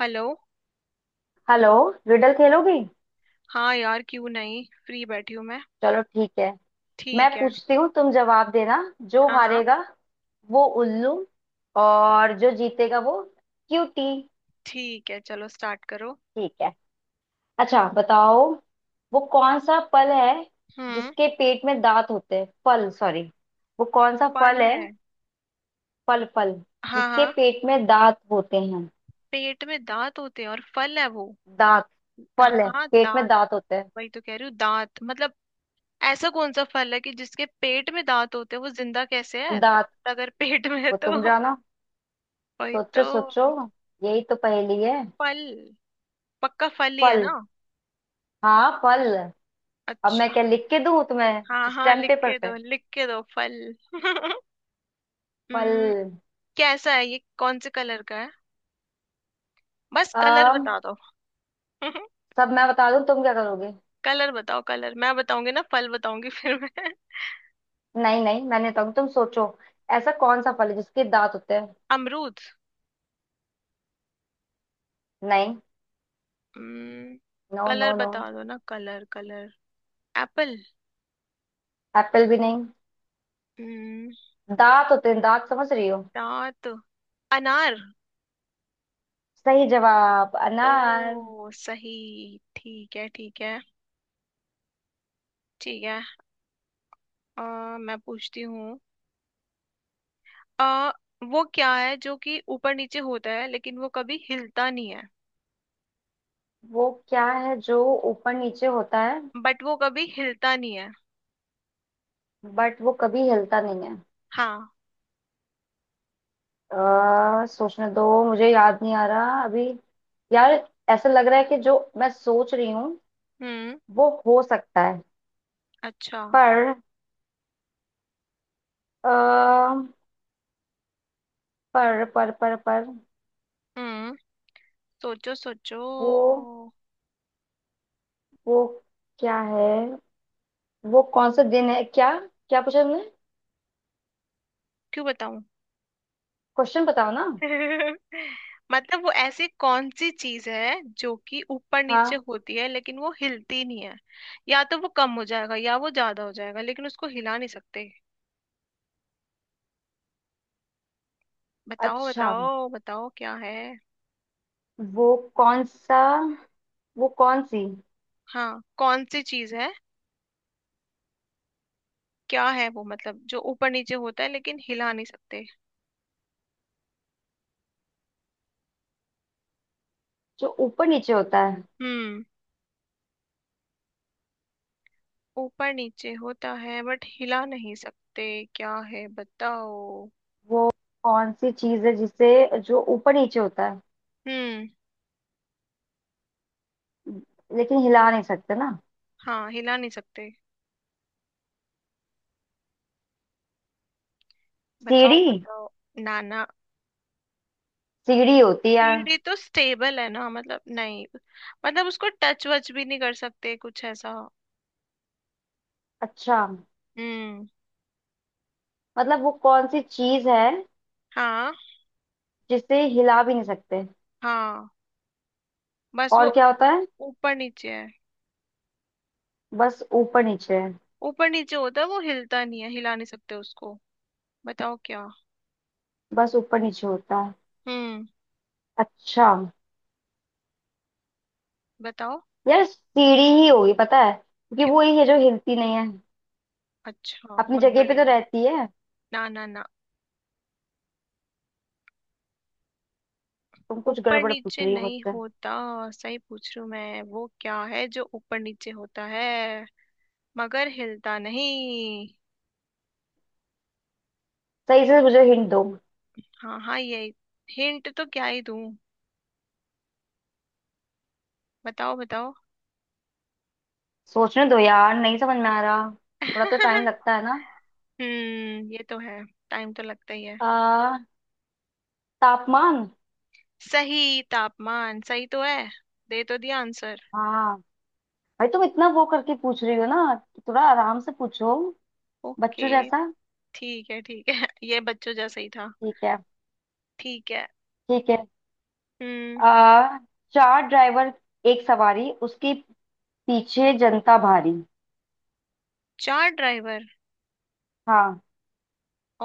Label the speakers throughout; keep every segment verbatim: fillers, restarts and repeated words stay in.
Speaker 1: Hello.
Speaker 2: Hello. Riddle खेलोगी?
Speaker 1: हाँ यार, क्यों नहीं, फ्री बैठी हूँ मैं।
Speaker 2: चलो ठीक है। मैं
Speaker 1: ठीक है।
Speaker 2: पूछती हूँ, तुम जवाब देना। जो
Speaker 1: हाँ हाँ।
Speaker 2: हारेगा वो उल्लू, और जो जीतेगा वो क्यूटी।
Speaker 1: ठीक है, चलो स्टार्ट करो।
Speaker 2: ठीक है, अच्छा बताओ, वो कौन सा फल है
Speaker 1: हम्म।
Speaker 2: जिसके पेट में दांत होते हैं? फल, सॉरी, वो कौन सा
Speaker 1: फल
Speaker 2: फल है?
Speaker 1: है।
Speaker 2: फल फल,
Speaker 1: हाँ
Speaker 2: जिसके
Speaker 1: हाँ।
Speaker 2: पेट में दांत होते हैं?
Speaker 1: पेट में दांत होते हैं और फल है वो।
Speaker 2: दांत,
Speaker 1: हाँ
Speaker 2: फल है,
Speaker 1: हाँ
Speaker 2: पेट में
Speaker 1: दांत।
Speaker 2: दांत होते हैं।
Speaker 1: वही तो कह रही हूँ, दांत मतलब। ऐसा कौन सा फल है कि जिसके पेट में दांत होते हैं? वो जिंदा कैसे है
Speaker 2: दांत
Speaker 1: दांत अगर पेट में है
Speaker 2: वो
Speaker 1: तो।
Speaker 2: तुम जानो,
Speaker 1: वही तो।
Speaker 2: सोचो सोचो। यही तो पहेली है।
Speaker 1: फल। पक्का फल ही है
Speaker 2: फल?
Speaker 1: ना।
Speaker 2: हाँ, फल। अब मैं
Speaker 1: अच्छा।
Speaker 2: क्या लिख के दूं तुम्हें?
Speaker 1: हाँ हाँ,
Speaker 2: स्टैम्प
Speaker 1: लिख
Speaker 2: पेपर
Speaker 1: के
Speaker 2: पे?
Speaker 1: दो, लिख के दो फल।
Speaker 2: पल।
Speaker 1: हम्म। कैसा है ये, कौन से कलर का है? बस कलर
Speaker 2: अम
Speaker 1: बता दो।
Speaker 2: सब मैं बता दूं तुम क्या करोगे?
Speaker 1: कलर बताओ, कलर मैं बताऊंगी ना, फल बताऊंगी फिर मैं।
Speaker 2: नहीं नहीं, मैंने तो, तुम सोचो। ऐसा कौन सा फल है जिसके दांत होते हैं?
Speaker 1: अमरूद।
Speaker 2: नहीं।
Speaker 1: हम्म।
Speaker 2: नो नो
Speaker 1: कलर
Speaker 2: नो
Speaker 1: बता दो ना, कलर कलर। एप्पल।
Speaker 2: एप्पल भी नहीं।
Speaker 1: हम्म।
Speaker 2: दांत होते हैं, दांत, समझ रही हो?
Speaker 1: दांत। अनार।
Speaker 2: सही जवाब, अनार।
Speaker 1: ओ सही। ठीक है ठीक है। ठीक है। अ, मैं पूछती हूँ। अ वो क्या है जो कि ऊपर नीचे होता है लेकिन वो कभी हिलता नहीं है।
Speaker 2: वो क्या है जो ऊपर नीचे होता है,
Speaker 1: बट वो कभी हिलता नहीं है।
Speaker 2: बट वो कभी हिलता नहीं है?
Speaker 1: हाँ।
Speaker 2: अ, सोचने दो, मुझे याद नहीं आ रहा अभी। यार, ऐसा लग रहा है कि जो मैं सोच रही हूँ
Speaker 1: हम्म।
Speaker 2: वो हो सकता है,
Speaker 1: अच्छा।
Speaker 2: पर अ, पर पर पर पर,
Speaker 1: हम्म। सोचो सोचो।
Speaker 2: वो वो क्या है? वो कौन सा दिन है क्या? क्या पूछा तुमने?
Speaker 1: क्यों बताऊं?
Speaker 2: क्वेश्चन बताओ ना।
Speaker 1: मतलब वो ऐसी कौन सी चीज है जो कि ऊपर नीचे
Speaker 2: हाँ,
Speaker 1: होती है लेकिन वो हिलती नहीं है। या तो वो कम हो जाएगा या वो ज्यादा हो जाएगा लेकिन उसको हिला नहीं सकते। बताओ
Speaker 2: अच्छा,
Speaker 1: बताओ बताओ क्या है।
Speaker 2: वो कौन सा वो कौन सी
Speaker 1: हाँ कौन सी चीज है। क्या है वो मतलब, जो ऊपर नीचे होता है लेकिन हिला नहीं सकते।
Speaker 2: जो ऊपर नीचे होता है,
Speaker 1: हम्म। ऊपर नीचे होता है बट हिला नहीं सकते। क्या है बताओ।
Speaker 2: वो कौन सी चीज है जिसे, जो ऊपर नीचे होता है
Speaker 1: हम्म।
Speaker 2: लेकिन हिला नहीं सकते ना?
Speaker 1: हाँ हिला नहीं सकते। बताओ
Speaker 2: सीढ़ी,
Speaker 1: बताओ। ना ना।
Speaker 2: सीढ़ी होती है।
Speaker 1: सीढ़ी तो स्टेबल है ना, मतलब नहीं। मतलब उसको टच वच भी नहीं कर सकते, कुछ ऐसा।
Speaker 2: अच्छा,
Speaker 1: हम्म।
Speaker 2: मतलब वो कौन सी चीज है
Speaker 1: हाँ
Speaker 2: जिसे हिला भी नहीं सकते
Speaker 1: हाँ। बस वो
Speaker 2: और क्या होता है,
Speaker 1: ऊपर नीचे है।
Speaker 2: बस ऊपर नीचे है?
Speaker 1: ऊपर नीचे होता है, वो हिलता नहीं है, हिला नहीं सकते उसको। बताओ क्या।
Speaker 2: बस ऊपर नीचे होता है।
Speaker 1: हम्म।
Speaker 2: अच्छा,
Speaker 1: बताओ।
Speaker 2: यार सीढ़ी ही होगी, पता है, क्योंकि
Speaker 1: क्यों?
Speaker 2: वो ही है जो हिलती नहीं है,
Speaker 1: अच्छा
Speaker 2: अपनी
Speaker 1: बहुत
Speaker 2: जगह पे तो
Speaker 1: बढ़िया।
Speaker 2: रहती है।
Speaker 1: ना ना ना।
Speaker 2: तुम कुछ
Speaker 1: ऊपर
Speaker 2: गड़बड़ पूछ
Speaker 1: नीचे
Speaker 2: रही हो
Speaker 1: नहीं
Speaker 2: मुझसे,
Speaker 1: होता। सही पूछ रही हूँ मैं, वो क्या है जो ऊपर नीचे होता है मगर हिलता नहीं।
Speaker 2: सही से मुझे हिंट दो।
Speaker 1: हाँ हाँ यही। हिंट तो क्या ही दूं। बताओ बताओ।
Speaker 2: सोचने दो यार, नहीं समझ में आ रहा, थोड़ा तो टाइम लगता है ना।
Speaker 1: हम्म ये तो है। टाइम तो लगता ही है।
Speaker 2: आ, तापमान।
Speaker 1: सही, तापमान सही तो है। दे तो दिया आंसर।
Speaker 2: हाँ भाई, तुम इतना वो करके पूछ रही हो ना, थोड़ा आराम से पूछो, बच्चों
Speaker 1: ओके।
Speaker 2: जैसा।
Speaker 1: ठीक है ठीक है। ये बच्चों जैसा ही था।
Speaker 2: ठीक है,
Speaker 1: ठीक है।
Speaker 2: ठीक है।
Speaker 1: हम्म।
Speaker 2: आ, चार ड्राइवर, एक सवारी, उसके पीछे जनता भारी।
Speaker 1: चार ड्राइवर
Speaker 2: हाँ,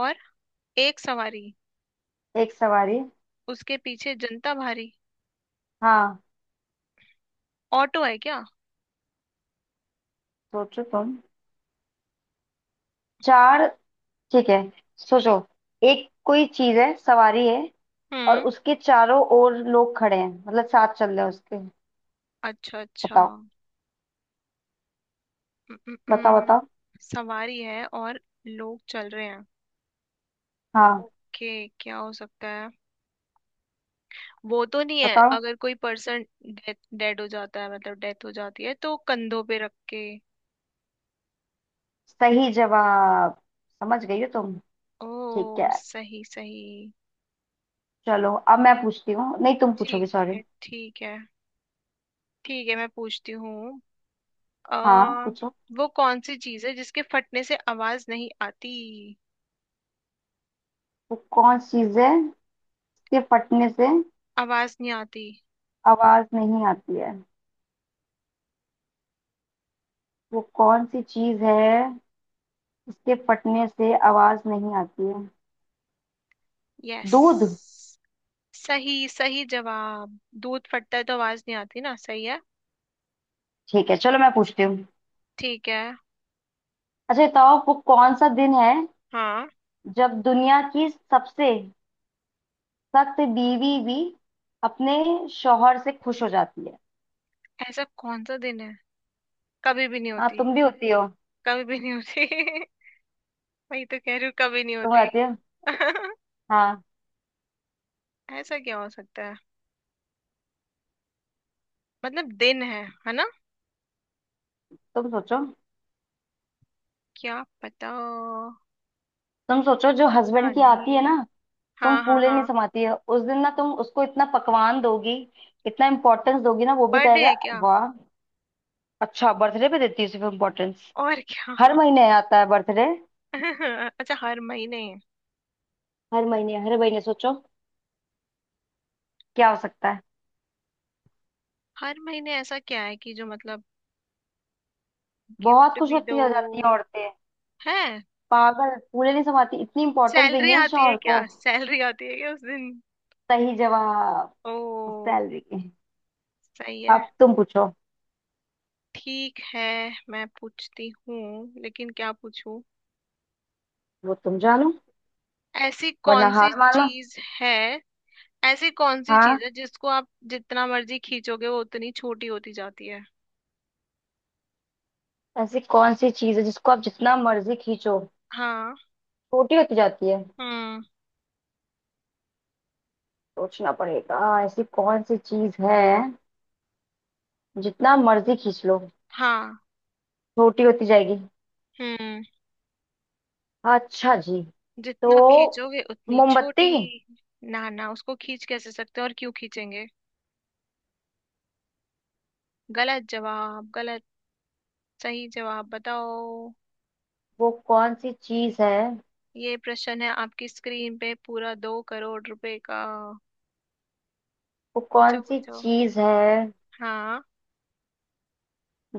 Speaker 1: और एक सवारी
Speaker 2: एक सवारी,
Speaker 1: उसके पीछे जनता भारी।
Speaker 2: हाँ,
Speaker 1: ऑटो है क्या?
Speaker 2: सोचो तुम। चार, ठीक है, सोचो। एक कोई चीज है, सवारी है, और
Speaker 1: हम्म।
Speaker 2: उसके चारों ओर लोग खड़े हैं, मतलब साथ चल रहे हैं उसके।
Speaker 1: अच्छा अच्छा।
Speaker 2: बताओ
Speaker 1: हम्म, हम्म,
Speaker 2: बताओ
Speaker 1: हम्म।
Speaker 2: बताओ।
Speaker 1: सवारी है और लोग चल रहे हैं।
Speaker 2: हाँ,
Speaker 1: ओके क्या हो सकता है। वो तो नहीं है,
Speaker 2: बताओ।
Speaker 1: अगर कोई पर्सन डेड हो जाता है, मतलब डेथ हो जाती है, तो कंधों पे रख के।
Speaker 2: सही जवाब, समझ गई हो तुम। ठीक है,
Speaker 1: ओ सही सही।
Speaker 2: चलो अब मैं पूछती हूँ, नहीं तुम पूछोगे,
Speaker 1: ठीक
Speaker 2: सॉरी।
Speaker 1: है ठीक है। ठीक है मैं पूछती हूँ। आ
Speaker 2: हाँ पूछो।
Speaker 1: वो कौन सी चीज है जिसके फटने से आवाज नहीं आती।
Speaker 2: वो कौन सी चीज है जिसके फटने से
Speaker 1: आवाज नहीं आती।
Speaker 2: आवाज नहीं आती है? वो कौन सी चीज है जिसके फटने से आवाज नहीं आती है?
Speaker 1: यस।
Speaker 2: दूध।
Speaker 1: सही, सही जवाब, दूध फटता है तो आवाज नहीं आती ना, सही है।
Speaker 2: ठीक है, चलो मैं पूछती हूँ।
Speaker 1: ठीक है।
Speaker 2: अच्छा ये बताओ, वो कौन सा दिन है
Speaker 1: हाँ।
Speaker 2: जब दुनिया की सबसे सख्त बीवी भी अपने शौहर से खुश हो जाती है?
Speaker 1: ऐसा कौन सा दिन है, कभी भी नहीं
Speaker 2: हाँ,
Speaker 1: होती।
Speaker 2: तुम भी होती हो,
Speaker 1: कभी भी नहीं होती। वही तो कह रही हूँ कभी नहीं
Speaker 2: तुम
Speaker 1: होती।
Speaker 2: होती हो, हाँ।
Speaker 1: ऐसा क्या हो सकता है? मतलब दिन है है ना।
Speaker 2: तुम सोचो,
Speaker 1: क्या पता।
Speaker 2: तुम सोचो, जो
Speaker 1: पता
Speaker 2: हस्बैंड की आती है
Speaker 1: नहीं।
Speaker 2: ना, तुम
Speaker 1: हाँ हाँ
Speaker 2: फूले नहीं
Speaker 1: हाँ।
Speaker 2: समाती हो उस दिन ना, तुम उसको इतना पकवान दोगी, इतना इम्पोर्टेंस दोगी ना, वो भी
Speaker 1: बर्थडे
Speaker 2: कहेगा
Speaker 1: है क्या?
Speaker 2: वाह। अच्छा, बर्थडे पे देती है सिर्फ इम्पोर्टेंस?
Speaker 1: और क्या?
Speaker 2: हर महीने आता है बर्थडे?
Speaker 1: अच्छा हर महीने।
Speaker 2: हर महीने हर महीने सोचो, क्या हो सकता है।
Speaker 1: हर महीने ऐसा क्या है कि जो मतलब
Speaker 2: बहुत
Speaker 1: गिफ्ट
Speaker 2: खुश
Speaker 1: भी दो
Speaker 2: होती आ जाती हैं औरतें,
Speaker 1: है।
Speaker 2: पागल, फूले नहीं समाती, इतनी इंपॉर्टेंस
Speaker 1: सैलरी
Speaker 2: देंगी ना
Speaker 1: आती है
Speaker 2: शौहर
Speaker 1: क्या,
Speaker 2: को।
Speaker 1: सैलरी आती है क्या उस दिन?
Speaker 2: सही जवाब,
Speaker 1: ओ
Speaker 2: सैलरी के।
Speaker 1: सही है।
Speaker 2: अब तुम पूछो।
Speaker 1: ठीक है। मैं पूछती हूँ लेकिन क्या पूछूं।
Speaker 2: वो तुम जानो
Speaker 1: ऐसी
Speaker 2: वरना
Speaker 1: कौन सी
Speaker 2: हार मानो।
Speaker 1: चीज है। ऐसी कौन सी चीज
Speaker 2: हाँ,
Speaker 1: है जिसको आप जितना मर्जी खींचोगे वो उतनी छोटी होती जाती है।
Speaker 2: ऐसी कौन सी चीज है जिसको आप जितना मर्जी खींचो
Speaker 1: हाँ।
Speaker 2: छोटी होती जाती है?
Speaker 1: हम्म।
Speaker 2: सोचना पड़ेगा। ऐसी कौन सी चीज है जितना मर्जी खींच लो
Speaker 1: हाँ।
Speaker 2: छोटी होती जाएगी?
Speaker 1: हम्म।
Speaker 2: अच्छा जी, तो
Speaker 1: जितना खींचोगे उतनी
Speaker 2: मोमबत्ती।
Speaker 1: छोटी। ना ना, उसको खींच कैसे सकते हैं और क्यों खींचेंगे। गलत जवाब गलत। सही जवाब बताओ।
Speaker 2: वो कौन सी चीज है,
Speaker 1: ये प्रश्न है आपकी स्क्रीन पे पूरा दो करोड़ रुपए का।
Speaker 2: वो
Speaker 1: पूछो
Speaker 2: कौन सी
Speaker 1: पूछो।
Speaker 2: चीज है
Speaker 1: हाँ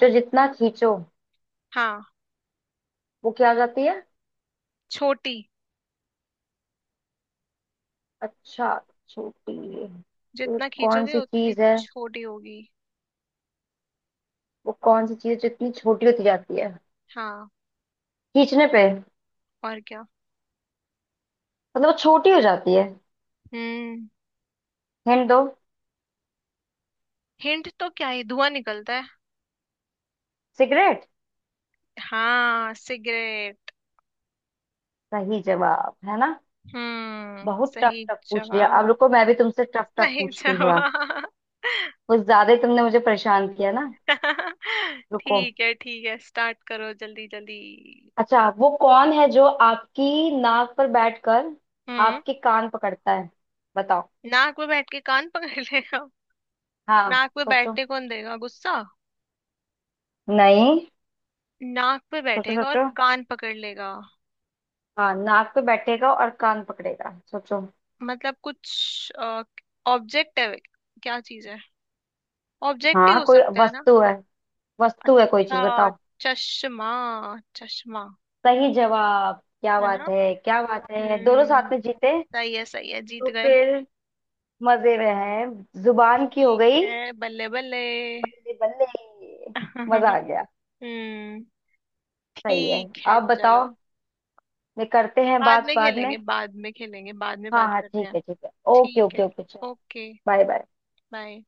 Speaker 2: जो जितना खींचो
Speaker 1: हाँ।
Speaker 2: वो क्या हो जाती है?
Speaker 1: छोटी।
Speaker 2: अच्छा, छोटी है। तो
Speaker 1: जितना
Speaker 2: कौन
Speaker 1: खींचोगे
Speaker 2: सी
Speaker 1: उतनी
Speaker 2: चीज है,
Speaker 1: छोटी होगी।
Speaker 2: वो कौन सी चीज जितनी छोटी होती जाती है
Speaker 1: हाँ।
Speaker 2: खींचने पे,
Speaker 1: और क्या।
Speaker 2: मतलब वो छोटी हो जाती है?
Speaker 1: हम्म।
Speaker 2: हिंट दो।
Speaker 1: हिंट तो क्या है, धुआं निकलता है।
Speaker 2: सिगरेट।
Speaker 1: हाँ सिगरेट।
Speaker 2: सही जवाब है ना?
Speaker 1: हम्म
Speaker 2: बहुत टफ
Speaker 1: सही
Speaker 2: टफ पूछ लिया, अब
Speaker 1: जवाब।
Speaker 2: रुको मैं भी तुमसे टफ टफ
Speaker 1: सही
Speaker 2: पूछती हूँ थोड़ा,
Speaker 1: जवाब।
Speaker 2: कुछ ज्यादा ही तुमने मुझे परेशान किया ना। रुको।
Speaker 1: ठीक है ठीक है, स्टार्ट करो जल्दी जल्दी।
Speaker 2: अच्छा, वो कौन है जो आपकी नाक पर बैठकर
Speaker 1: हम्म।
Speaker 2: आपके कान पकड़ता है? बताओ।
Speaker 1: नाक पे बैठ के कान पकड़ लेगा।
Speaker 2: हाँ,
Speaker 1: नाक पे
Speaker 2: सोचो।
Speaker 1: बैठने कौन देगा, गुस्सा।
Speaker 2: नहीं,
Speaker 1: नाक पे
Speaker 2: सोचो
Speaker 1: बैठेगा और
Speaker 2: सोचो
Speaker 1: कान पकड़ लेगा।
Speaker 2: हाँ, नाक पे बैठेगा और कान पकड़ेगा, सोचो।
Speaker 1: मतलब कुछ ऑब्जेक्ट है। क्या चीज है। ऑब्जेक्ट ही
Speaker 2: हाँ,
Speaker 1: हो
Speaker 2: कोई
Speaker 1: सकता है ना।
Speaker 2: वस्तु है, वस्तु है कोई
Speaker 1: अच्छा।
Speaker 2: चीज, बताओ।
Speaker 1: चश्मा। चश्मा।
Speaker 2: सही जवाब, क्या
Speaker 1: है ना।
Speaker 2: बात है, क्या बात है, दोनों साथ
Speaker 1: हम्म।
Speaker 2: में जीते।
Speaker 1: सही है सही है,
Speaker 2: तो
Speaker 1: जीत गए।
Speaker 2: फिर मजे में हैं, जुबान की हो
Speaker 1: ठीक
Speaker 2: गई।
Speaker 1: है बल्ले बल्ले।
Speaker 2: बल्ले बल्ले। मजा आ गया।
Speaker 1: हम्म।
Speaker 2: सही है।
Speaker 1: ठीक है
Speaker 2: आप
Speaker 1: चलो,
Speaker 2: बताओ, ये करते हैं
Speaker 1: बाद
Speaker 2: बात
Speaker 1: में
Speaker 2: बाद में।
Speaker 1: खेलेंगे, बाद में खेलेंगे, बाद में
Speaker 2: हाँ
Speaker 1: बात
Speaker 2: हाँ,
Speaker 1: करते
Speaker 2: ठीक
Speaker 1: हैं।
Speaker 2: है ठीक है, ओके
Speaker 1: ठीक है।
Speaker 2: ओके ओके, चलो।
Speaker 1: ओके।
Speaker 2: Bye bye.
Speaker 1: बाय।